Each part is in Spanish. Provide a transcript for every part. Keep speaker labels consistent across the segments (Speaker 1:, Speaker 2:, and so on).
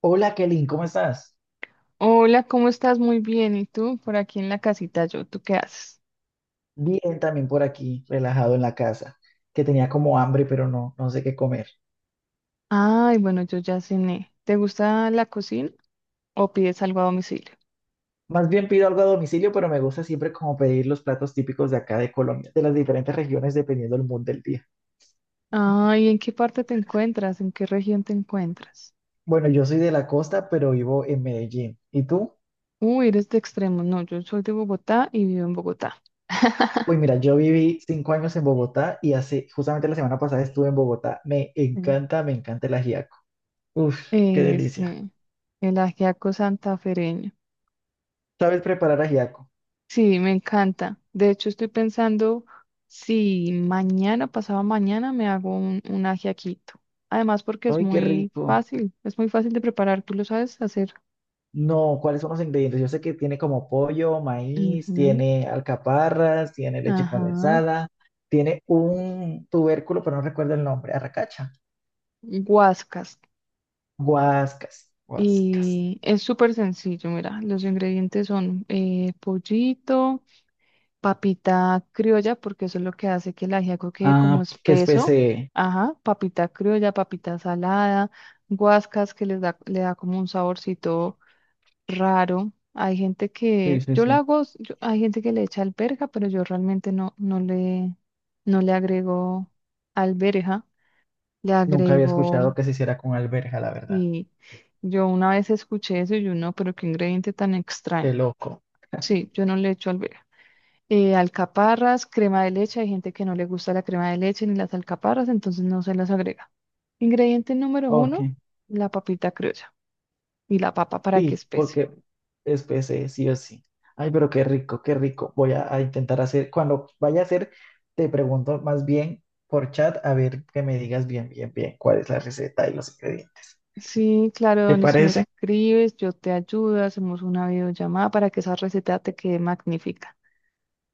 Speaker 1: Hola Kelly, ¿cómo estás?
Speaker 2: Hola, ¿cómo estás? Muy bien. ¿Y tú? Por aquí en la casita yo. ¿Tú qué haces?
Speaker 1: Bien, también por aquí, relajado en la casa, que tenía como hambre, pero no sé qué comer.
Speaker 2: Ay, bueno, yo ya cené. ¿Te gusta la cocina o pides algo a domicilio?
Speaker 1: Más bien pido algo a domicilio, pero me gusta siempre como pedir los platos típicos de acá de Colombia, de las diferentes regiones dependiendo del mood del día.
Speaker 2: Ay, ¿en qué parte te encuentras? ¿En qué región te encuentras?
Speaker 1: Bueno, yo soy de la costa, pero vivo en Medellín. ¿Y tú?
Speaker 2: Uy, eres de extremo. No, yo soy de Bogotá y vivo en Bogotá.
Speaker 1: Uy, mira, yo viví 5 años en Bogotá y hace, justamente la semana pasada estuve en Bogotá.
Speaker 2: Mm.
Speaker 1: Me encanta el ajiaco. Uf, qué delicia.
Speaker 2: Sí, el ajiaco santafereño.
Speaker 1: ¿Sabes preparar ajiaco?
Speaker 2: Sí, me encanta. De hecho, estoy pensando si mañana, pasado mañana, me hago un ajiaquito. Además, porque
Speaker 1: Ay, qué rico.
Speaker 2: es muy fácil de preparar, tú lo sabes hacer.
Speaker 1: No, ¿cuáles son los ingredientes? Yo sé que tiene como pollo, maíz,
Speaker 2: Ujú.
Speaker 1: tiene alcaparras, tiene leche
Speaker 2: Ajá.
Speaker 1: condensada, tiene un tubérculo, pero no recuerdo el nombre, arracacha.
Speaker 2: Guascas.
Speaker 1: Guascas, guascas.
Speaker 2: Y es súper sencillo, mira, los ingredientes son pollito. Papita criolla, porque eso es lo que hace que el ajiaco quede como
Speaker 1: Ah, qué
Speaker 2: espeso.
Speaker 1: especie.
Speaker 2: Ajá, papita criolla, papita salada, guascas que les da, le da como un saborcito raro. Hay gente
Speaker 1: Sí,
Speaker 2: que,
Speaker 1: sí,
Speaker 2: yo la
Speaker 1: sí.
Speaker 2: hago, hay gente que le echa alberja, pero yo realmente no le agrego alberja, le
Speaker 1: Nunca había
Speaker 2: agrego,
Speaker 1: escuchado que se hiciera con alberja, la verdad.
Speaker 2: y yo una vez escuché eso y yo no, pero qué ingrediente tan extraño.
Speaker 1: Qué loco.
Speaker 2: Sí, yo no le echo alberja. Alcaparras, crema de leche. Hay gente que no le gusta la crema de leche ni las alcaparras, entonces no se las agrega. Ingrediente número
Speaker 1: Ok.
Speaker 2: uno, la papita criolla y la papa para que
Speaker 1: Sí,
Speaker 2: espese.
Speaker 1: porque es PC, sí o sí. Ay, pero qué rico, qué rico. Voy a intentar hacer, cuando vaya a hacer, te pregunto más bien por chat, a ver que me digas bien, bien, bien cuál es la receta y los ingredientes.
Speaker 2: Sí, claro,
Speaker 1: ¿Te
Speaker 2: Donis, me
Speaker 1: parece?
Speaker 2: escribes, yo te ayudo, hacemos una videollamada para que esa receta te quede magnífica.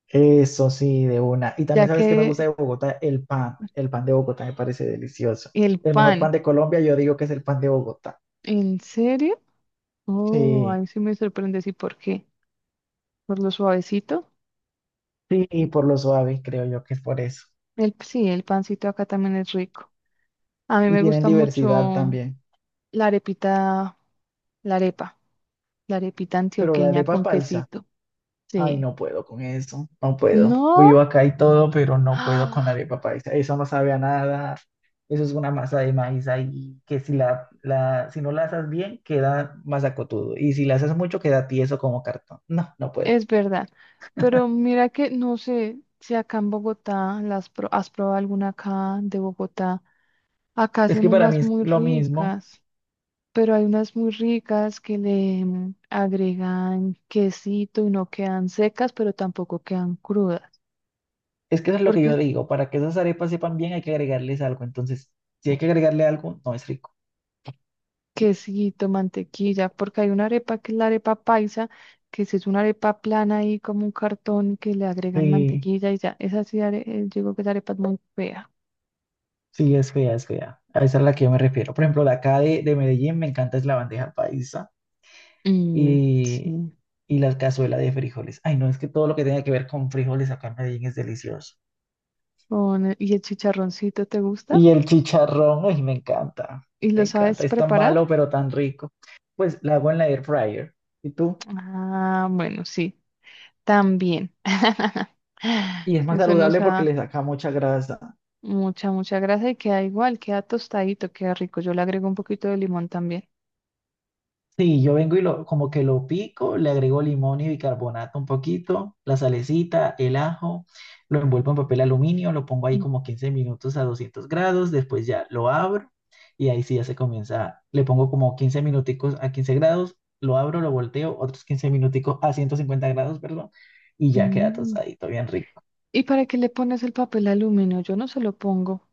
Speaker 1: Eso sí, de una. Y
Speaker 2: Ya
Speaker 1: también sabes que me gusta
Speaker 2: que
Speaker 1: de Bogotá el pan. El pan de Bogotá me parece delicioso.
Speaker 2: el
Speaker 1: El mejor pan
Speaker 2: pan,
Speaker 1: de Colombia, yo digo que es el pan de Bogotá.
Speaker 2: ¿en serio? Oh,
Speaker 1: Sí,
Speaker 2: ahí sí me sorprende, ¿y por qué? ¿Por lo suavecito?
Speaker 1: sí, y por lo suave, creo yo que es por eso.
Speaker 2: El, sí, el pancito acá también es rico. A mí
Speaker 1: Y
Speaker 2: me
Speaker 1: tienen
Speaker 2: gusta
Speaker 1: diversidad
Speaker 2: mucho
Speaker 1: también.
Speaker 2: la arepita. La arepa, la arepita
Speaker 1: Pero la
Speaker 2: antioqueña
Speaker 1: arepa
Speaker 2: con
Speaker 1: paisa.
Speaker 2: quesito.
Speaker 1: Ay,
Speaker 2: Sí.
Speaker 1: no puedo con eso, no puedo. Vivo
Speaker 2: No,
Speaker 1: acá y todo, pero no puedo con la
Speaker 2: ¡ah!
Speaker 1: arepa paisa. Eso no sabe a nada. Eso es una masa de maíz ahí que si si no la haces bien, queda masacotudo. Y si la haces mucho, queda tieso como cartón. No, no puedo.
Speaker 2: Es verdad. Pero mira que no sé si acá en Bogotá has probado alguna acá de Bogotá. Acá
Speaker 1: Es
Speaker 2: hacen
Speaker 1: que para mí
Speaker 2: unas
Speaker 1: es
Speaker 2: muy
Speaker 1: lo mismo.
Speaker 2: ricas, pero hay unas muy ricas que le agregan quesito y no quedan secas, pero tampoco quedan crudas.
Speaker 1: Es que eso es lo que yo
Speaker 2: Porque
Speaker 1: digo. Para que esas arepas sepan bien, hay que agregarles algo. Entonces, si hay que agregarle algo, no es rico.
Speaker 2: quesito, mantequilla, porque hay una arepa que es la arepa paisa, que si es una arepa plana ahí como un cartón que le agregan
Speaker 1: Sí,
Speaker 2: mantequilla y ya, esa sí, digo que esa arepa es muy fea.
Speaker 1: sí, es fea, es fea. A esa es a la que yo me refiero. Por ejemplo, la acá de Medellín me encanta es la bandeja paisa
Speaker 2: Mm,
Speaker 1: y
Speaker 2: sí.
Speaker 1: y la cazuela de frijoles. Ay, no, es que todo lo que tenga que ver con frijoles acá en Medellín es delicioso.
Speaker 2: Con, ¿y el chicharroncito te gusta?
Speaker 1: Y el chicharrón, ay, me encanta,
Speaker 2: ¿Y
Speaker 1: me
Speaker 2: lo
Speaker 1: encanta.
Speaker 2: sabes
Speaker 1: Es tan
Speaker 2: preparar?
Speaker 1: malo, pero tan rico. Pues la hago en la air fryer. ¿Y tú?
Speaker 2: Ah, bueno, sí, también.
Speaker 1: Y es más
Speaker 2: Eso nos
Speaker 1: saludable porque
Speaker 2: da
Speaker 1: le saca mucha grasa.
Speaker 2: mucha grasa y queda igual, queda tostadito, queda rico. Yo le agrego un poquito de limón también.
Speaker 1: Sí, yo vengo y lo, como que lo pico, le agrego limón y bicarbonato un poquito, la salecita, el ajo, lo envuelvo en papel aluminio, lo pongo ahí como 15 minutos a 200 grados, después ya lo abro y ahí sí ya se comienza, le pongo como 15 minuticos a 15 grados, lo abro, lo volteo, otros 15 minuticos a 150 grados, perdón, y ya queda
Speaker 2: Mm.
Speaker 1: tostadito, bien rico.
Speaker 2: ¿Y para qué le pones el papel aluminio? Yo no se lo pongo.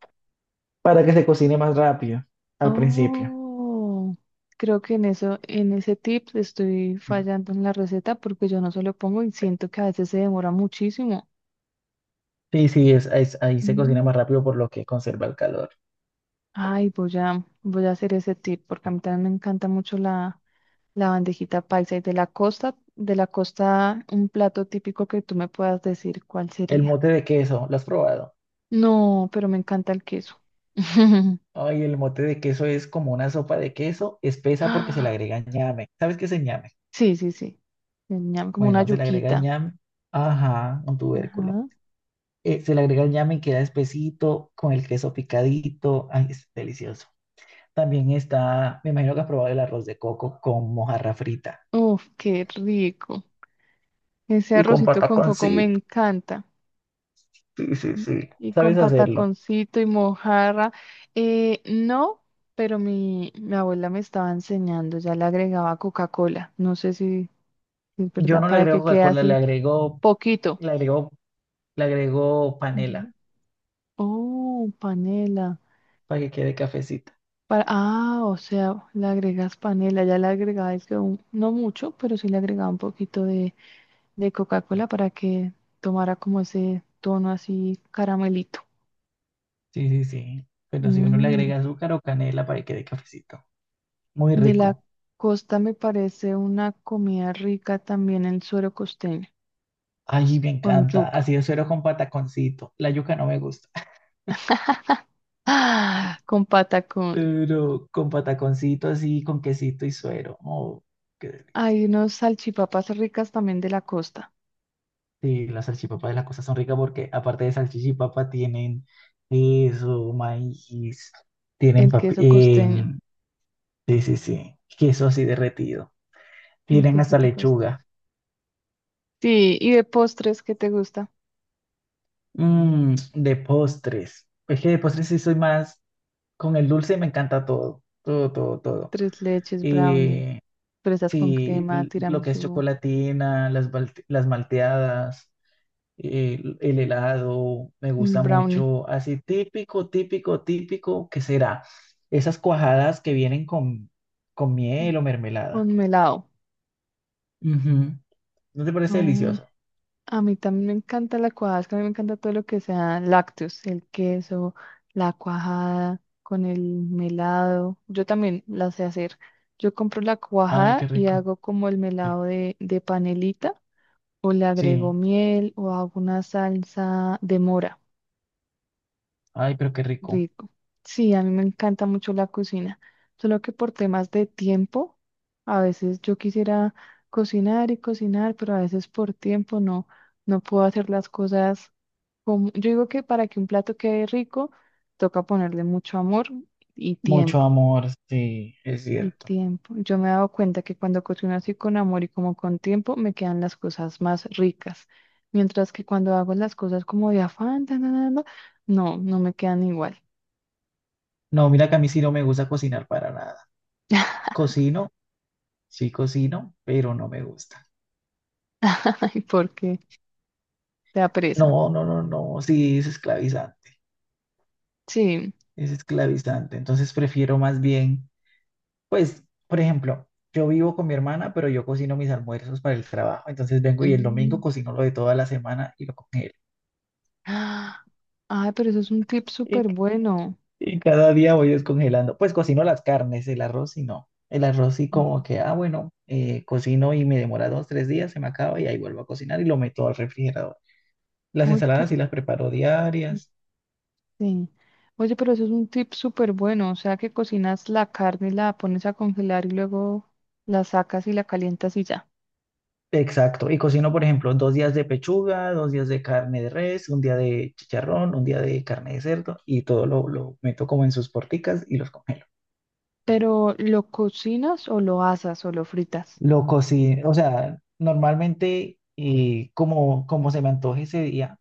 Speaker 1: Para que se cocine más rápido al principio.
Speaker 2: Oh, creo que en eso, en ese tip estoy
Speaker 1: Ujú.
Speaker 2: fallando en la receta porque yo no se lo pongo y siento que a veces se demora muchísimo.
Speaker 1: Sí, sí, ahí se cocina
Speaker 2: Mm.
Speaker 1: más rápido por lo que conserva el calor.
Speaker 2: Ay, voy a hacer ese tip porque a mí también me encanta mucho la bandejita paisa y de la costa, un plato típico que tú me puedas decir cuál
Speaker 1: El
Speaker 2: sería.
Speaker 1: mote de queso, ¿lo has probado?
Speaker 2: No, pero me encanta el queso.
Speaker 1: Ay, el mote de queso es como una sopa de queso espesa porque se le
Speaker 2: Ah,
Speaker 1: agrega ñame. ¿Sabes qué es el ñame?
Speaker 2: sí, sí, sí. El ñam, como una
Speaker 1: Bueno, se le agrega
Speaker 2: yuquita.
Speaker 1: ñame. Ajá, un tubérculo.
Speaker 2: Ajá.
Speaker 1: Se le agrega el ñame y queda espesito con el queso picadito. Ay, es delicioso. También está, me imagino que has probado el arroz de coco con mojarra frita.
Speaker 2: Uf, qué rico. Ese
Speaker 1: Y con
Speaker 2: arrocito con coco me
Speaker 1: pataconcito.
Speaker 2: encanta.
Speaker 1: Sí, sí, sí.
Speaker 2: Y con
Speaker 1: ¿Sabes hacerlo?
Speaker 2: pataconcito y mojarra. No, pero mi abuela me estaba enseñando, ya le agregaba Coca-Cola. No sé si es
Speaker 1: Yo
Speaker 2: verdad,
Speaker 1: no le
Speaker 2: para que
Speaker 1: agrego
Speaker 2: quede
Speaker 1: Coca-Cola,
Speaker 2: así poquito.
Speaker 1: le agrego, le agrego
Speaker 2: Ujú.
Speaker 1: panela
Speaker 2: Oh, panela.
Speaker 1: para que quede cafecito.
Speaker 2: Para, ah, o sea, le agregas panela. Ya le agregaba, es que no mucho, pero sí le agregaba un poquito de Coca-Cola para que tomara como ese tono así caramelito.
Speaker 1: Sí, sí, sí. Pero si uno le
Speaker 2: Mm.
Speaker 1: agrega azúcar o canela para que quede cafecito. Muy
Speaker 2: De la
Speaker 1: rico.
Speaker 2: costa me parece una comida rica también el suero costeño,
Speaker 1: Ay, me
Speaker 2: con
Speaker 1: encanta.
Speaker 2: yuca.
Speaker 1: Así de suero con pataconcito. La yuca no me gusta.
Speaker 2: ¡Ah! Con patacón.
Speaker 1: Pero con pataconcito así, con quesito y suero. Oh, qué delicia.
Speaker 2: Hay unos salchipapas ricas también de la costa,
Speaker 1: Sí, las salchipapas de las cosas son ricas porque aparte de salchichipapa tienen queso, maíz, tienen
Speaker 2: el
Speaker 1: papi...
Speaker 2: queso costeño,
Speaker 1: em, sí, sí, sí. Queso así derretido.
Speaker 2: el
Speaker 1: Tienen hasta
Speaker 2: quesito costeño.
Speaker 1: lechuga.
Speaker 2: Sí, y de postres, ¿qué te gusta?
Speaker 1: Mm, de postres. Es que de postres sí soy más... Con el dulce me encanta todo, todo, todo, todo.
Speaker 2: Tres leches, brownie,
Speaker 1: Y
Speaker 2: fresas con
Speaker 1: sí,
Speaker 2: crema,
Speaker 1: lo que es
Speaker 2: tiramisú,
Speaker 1: chocolatina, las malteadas, el helado, me gusta
Speaker 2: brownie,
Speaker 1: mucho. Así típico, típico, típico, ¿qué será? Esas cuajadas que vienen con
Speaker 2: mm,
Speaker 1: miel o mermelada.
Speaker 2: con melado.
Speaker 1: Ujú. ¿No te parece delicioso?
Speaker 2: A mí también me encanta la cuajada, es que a mí me encanta todo lo que sea lácteos, el queso, la cuajada con el melado. Yo también la sé hacer. Yo compro la
Speaker 1: Ay,
Speaker 2: cuajada
Speaker 1: qué
Speaker 2: y
Speaker 1: rico.
Speaker 2: hago como el
Speaker 1: Sí,
Speaker 2: melado de panelita o le agrego
Speaker 1: sí.
Speaker 2: miel o hago una salsa de mora.
Speaker 1: Ay, pero qué rico.
Speaker 2: Rico. Sí, a mí me encanta mucho la cocina, solo que por temas de tiempo, a veces yo quisiera cocinar y cocinar, pero a veces por tiempo no puedo hacer las cosas como... Yo digo que para que un plato quede rico, toca ponerle mucho amor y
Speaker 1: Mucho
Speaker 2: tiempo,
Speaker 1: amor, sí, es
Speaker 2: y
Speaker 1: cierto.
Speaker 2: tiempo. Yo me he dado cuenta que cuando cocino así con amor y como con tiempo, me quedan las cosas más ricas, mientras que cuando hago las cosas como de afán, tan, tan, tan, tan, no me quedan igual.
Speaker 1: No, mira que a mí sí no me gusta cocinar para nada. Cocino Sí cocino, pero no me gusta.
Speaker 2: Ay, porque te da pereza.
Speaker 1: No, no, no, no, sí es esclavizante,
Speaker 2: Sí.
Speaker 1: es esclavizante. Entonces prefiero más bien, pues, por ejemplo, yo vivo con mi hermana, pero yo cocino mis almuerzos para el trabajo. Entonces vengo y el domingo
Speaker 2: Mm.
Speaker 1: cocino lo de toda la semana y lo congelo.
Speaker 2: Ah, ay, pero eso es un tip
Speaker 1: Y,
Speaker 2: súper bueno.
Speaker 1: y cada día voy descongelando. Pues cocino las carnes, el arroz y no. El arroz sí
Speaker 2: Ujú.
Speaker 1: como que, ah, bueno, cocino y me demora dos, tres días, se me acaba y ahí vuelvo a cocinar y lo meto al refrigerador. Las
Speaker 2: Oye,
Speaker 1: ensaladas
Speaker 2: pero,
Speaker 1: sí las preparo diarias.
Speaker 2: sí. Oye, pero eso es un tip súper bueno. O sea, que cocinas la carne y la pones a congelar y luego la sacas y la calientas y ya.
Speaker 1: Exacto, y cocino, por ejemplo, 2 días de pechuga, 2 días de carne de res, un día de chicharrón, un día de carne de cerdo y todo lo meto como en sus porticas y los congelo.
Speaker 2: Pero ¿lo cocinas o lo asas o lo fritas?
Speaker 1: Lo cocino, o sea, normalmente como, como se me antoje ese día,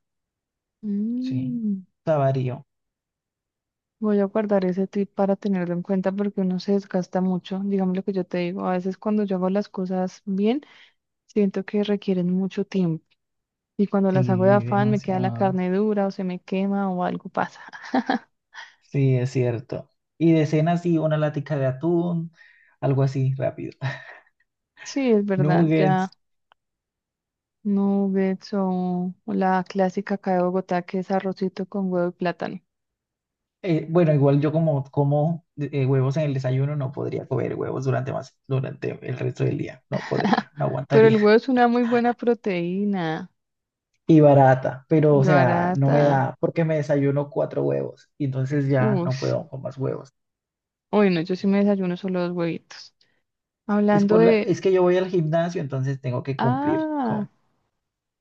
Speaker 1: sí,
Speaker 2: Mm.
Speaker 1: o sea, varío,
Speaker 2: Voy a guardar ese tip para tenerlo en cuenta porque uno se desgasta mucho. Digamos lo que yo te digo. A veces cuando yo hago las cosas bien, siento que requieren mucho tiempo y cuando las hago de
Speaker 1: sí,
Speaker 2: afán me queda la
Speaker 1: demasiado,
Speaker 2: carne dura o se me quema o algo pasa.
Speaker 1: sí, es cierto. Y de cena, sí, una latica de atún, algo así, rápido.
Speaker 2: Sí, es verdad,
Speaker 1: Nuggets,
Speaker 2: ya nuggets o la clásica acá de Bogotá que es arrocito con huevo y plátano.
Speaker 1: Bueno, igual yo como como huevos en el desayuno, no podría comer huevos durante más, durante el resto del día. No podría, no
Speaker 2: Pero el
Speaker 1: aguantaría.
Speaker 2: huevo es una muy buena proteína
Speaker 1: Y barata, pero
Speaker 2: y
Speaker 1: o sea, no me
Speaker 2: barata.
Speaker 1: da porque me desayuno cuatro huevos y entonces ya
Speaker 2: Uy,
Speaker 1: no puedo con más huevos.
Speaker 2: uy, no, yo sí me desayuno solo dos huevitos.
Speaker 1: Es
Speaker 2: Hablando
Speaker 1: por
Speaker 2: de...
Speaker 1: es que yo voy al gimnasio, entonces tengo que cumplir
Speaker 2: Ah,
Speaker 1: con.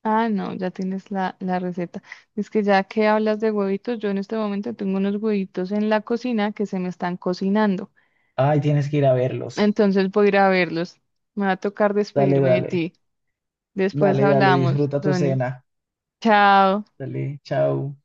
Speaker 2: ah, no, ya tienes la receta. Es que ya que hablas de huevitos, yo en este momento tengo unos huevitos en la cocina que se me están cocinando.
Speaker 1: Ay, tienes que ir a verlos.
Speaker 2: Entonces voy a ir a verlos. Me va a tocar
Speaker 1: Dale,
Speaker 2: despedirme de
Speaker 1: dale,
Speaker 2: ti. Después
Speaker 1: dale, dale,
Speaker 2: hablamos,
Speaker 1: disfruta tu
Speaker 2: Donis.
Speaker 1: cena.
Speaker 2: Chao.
Speaker 1: Dale, chao.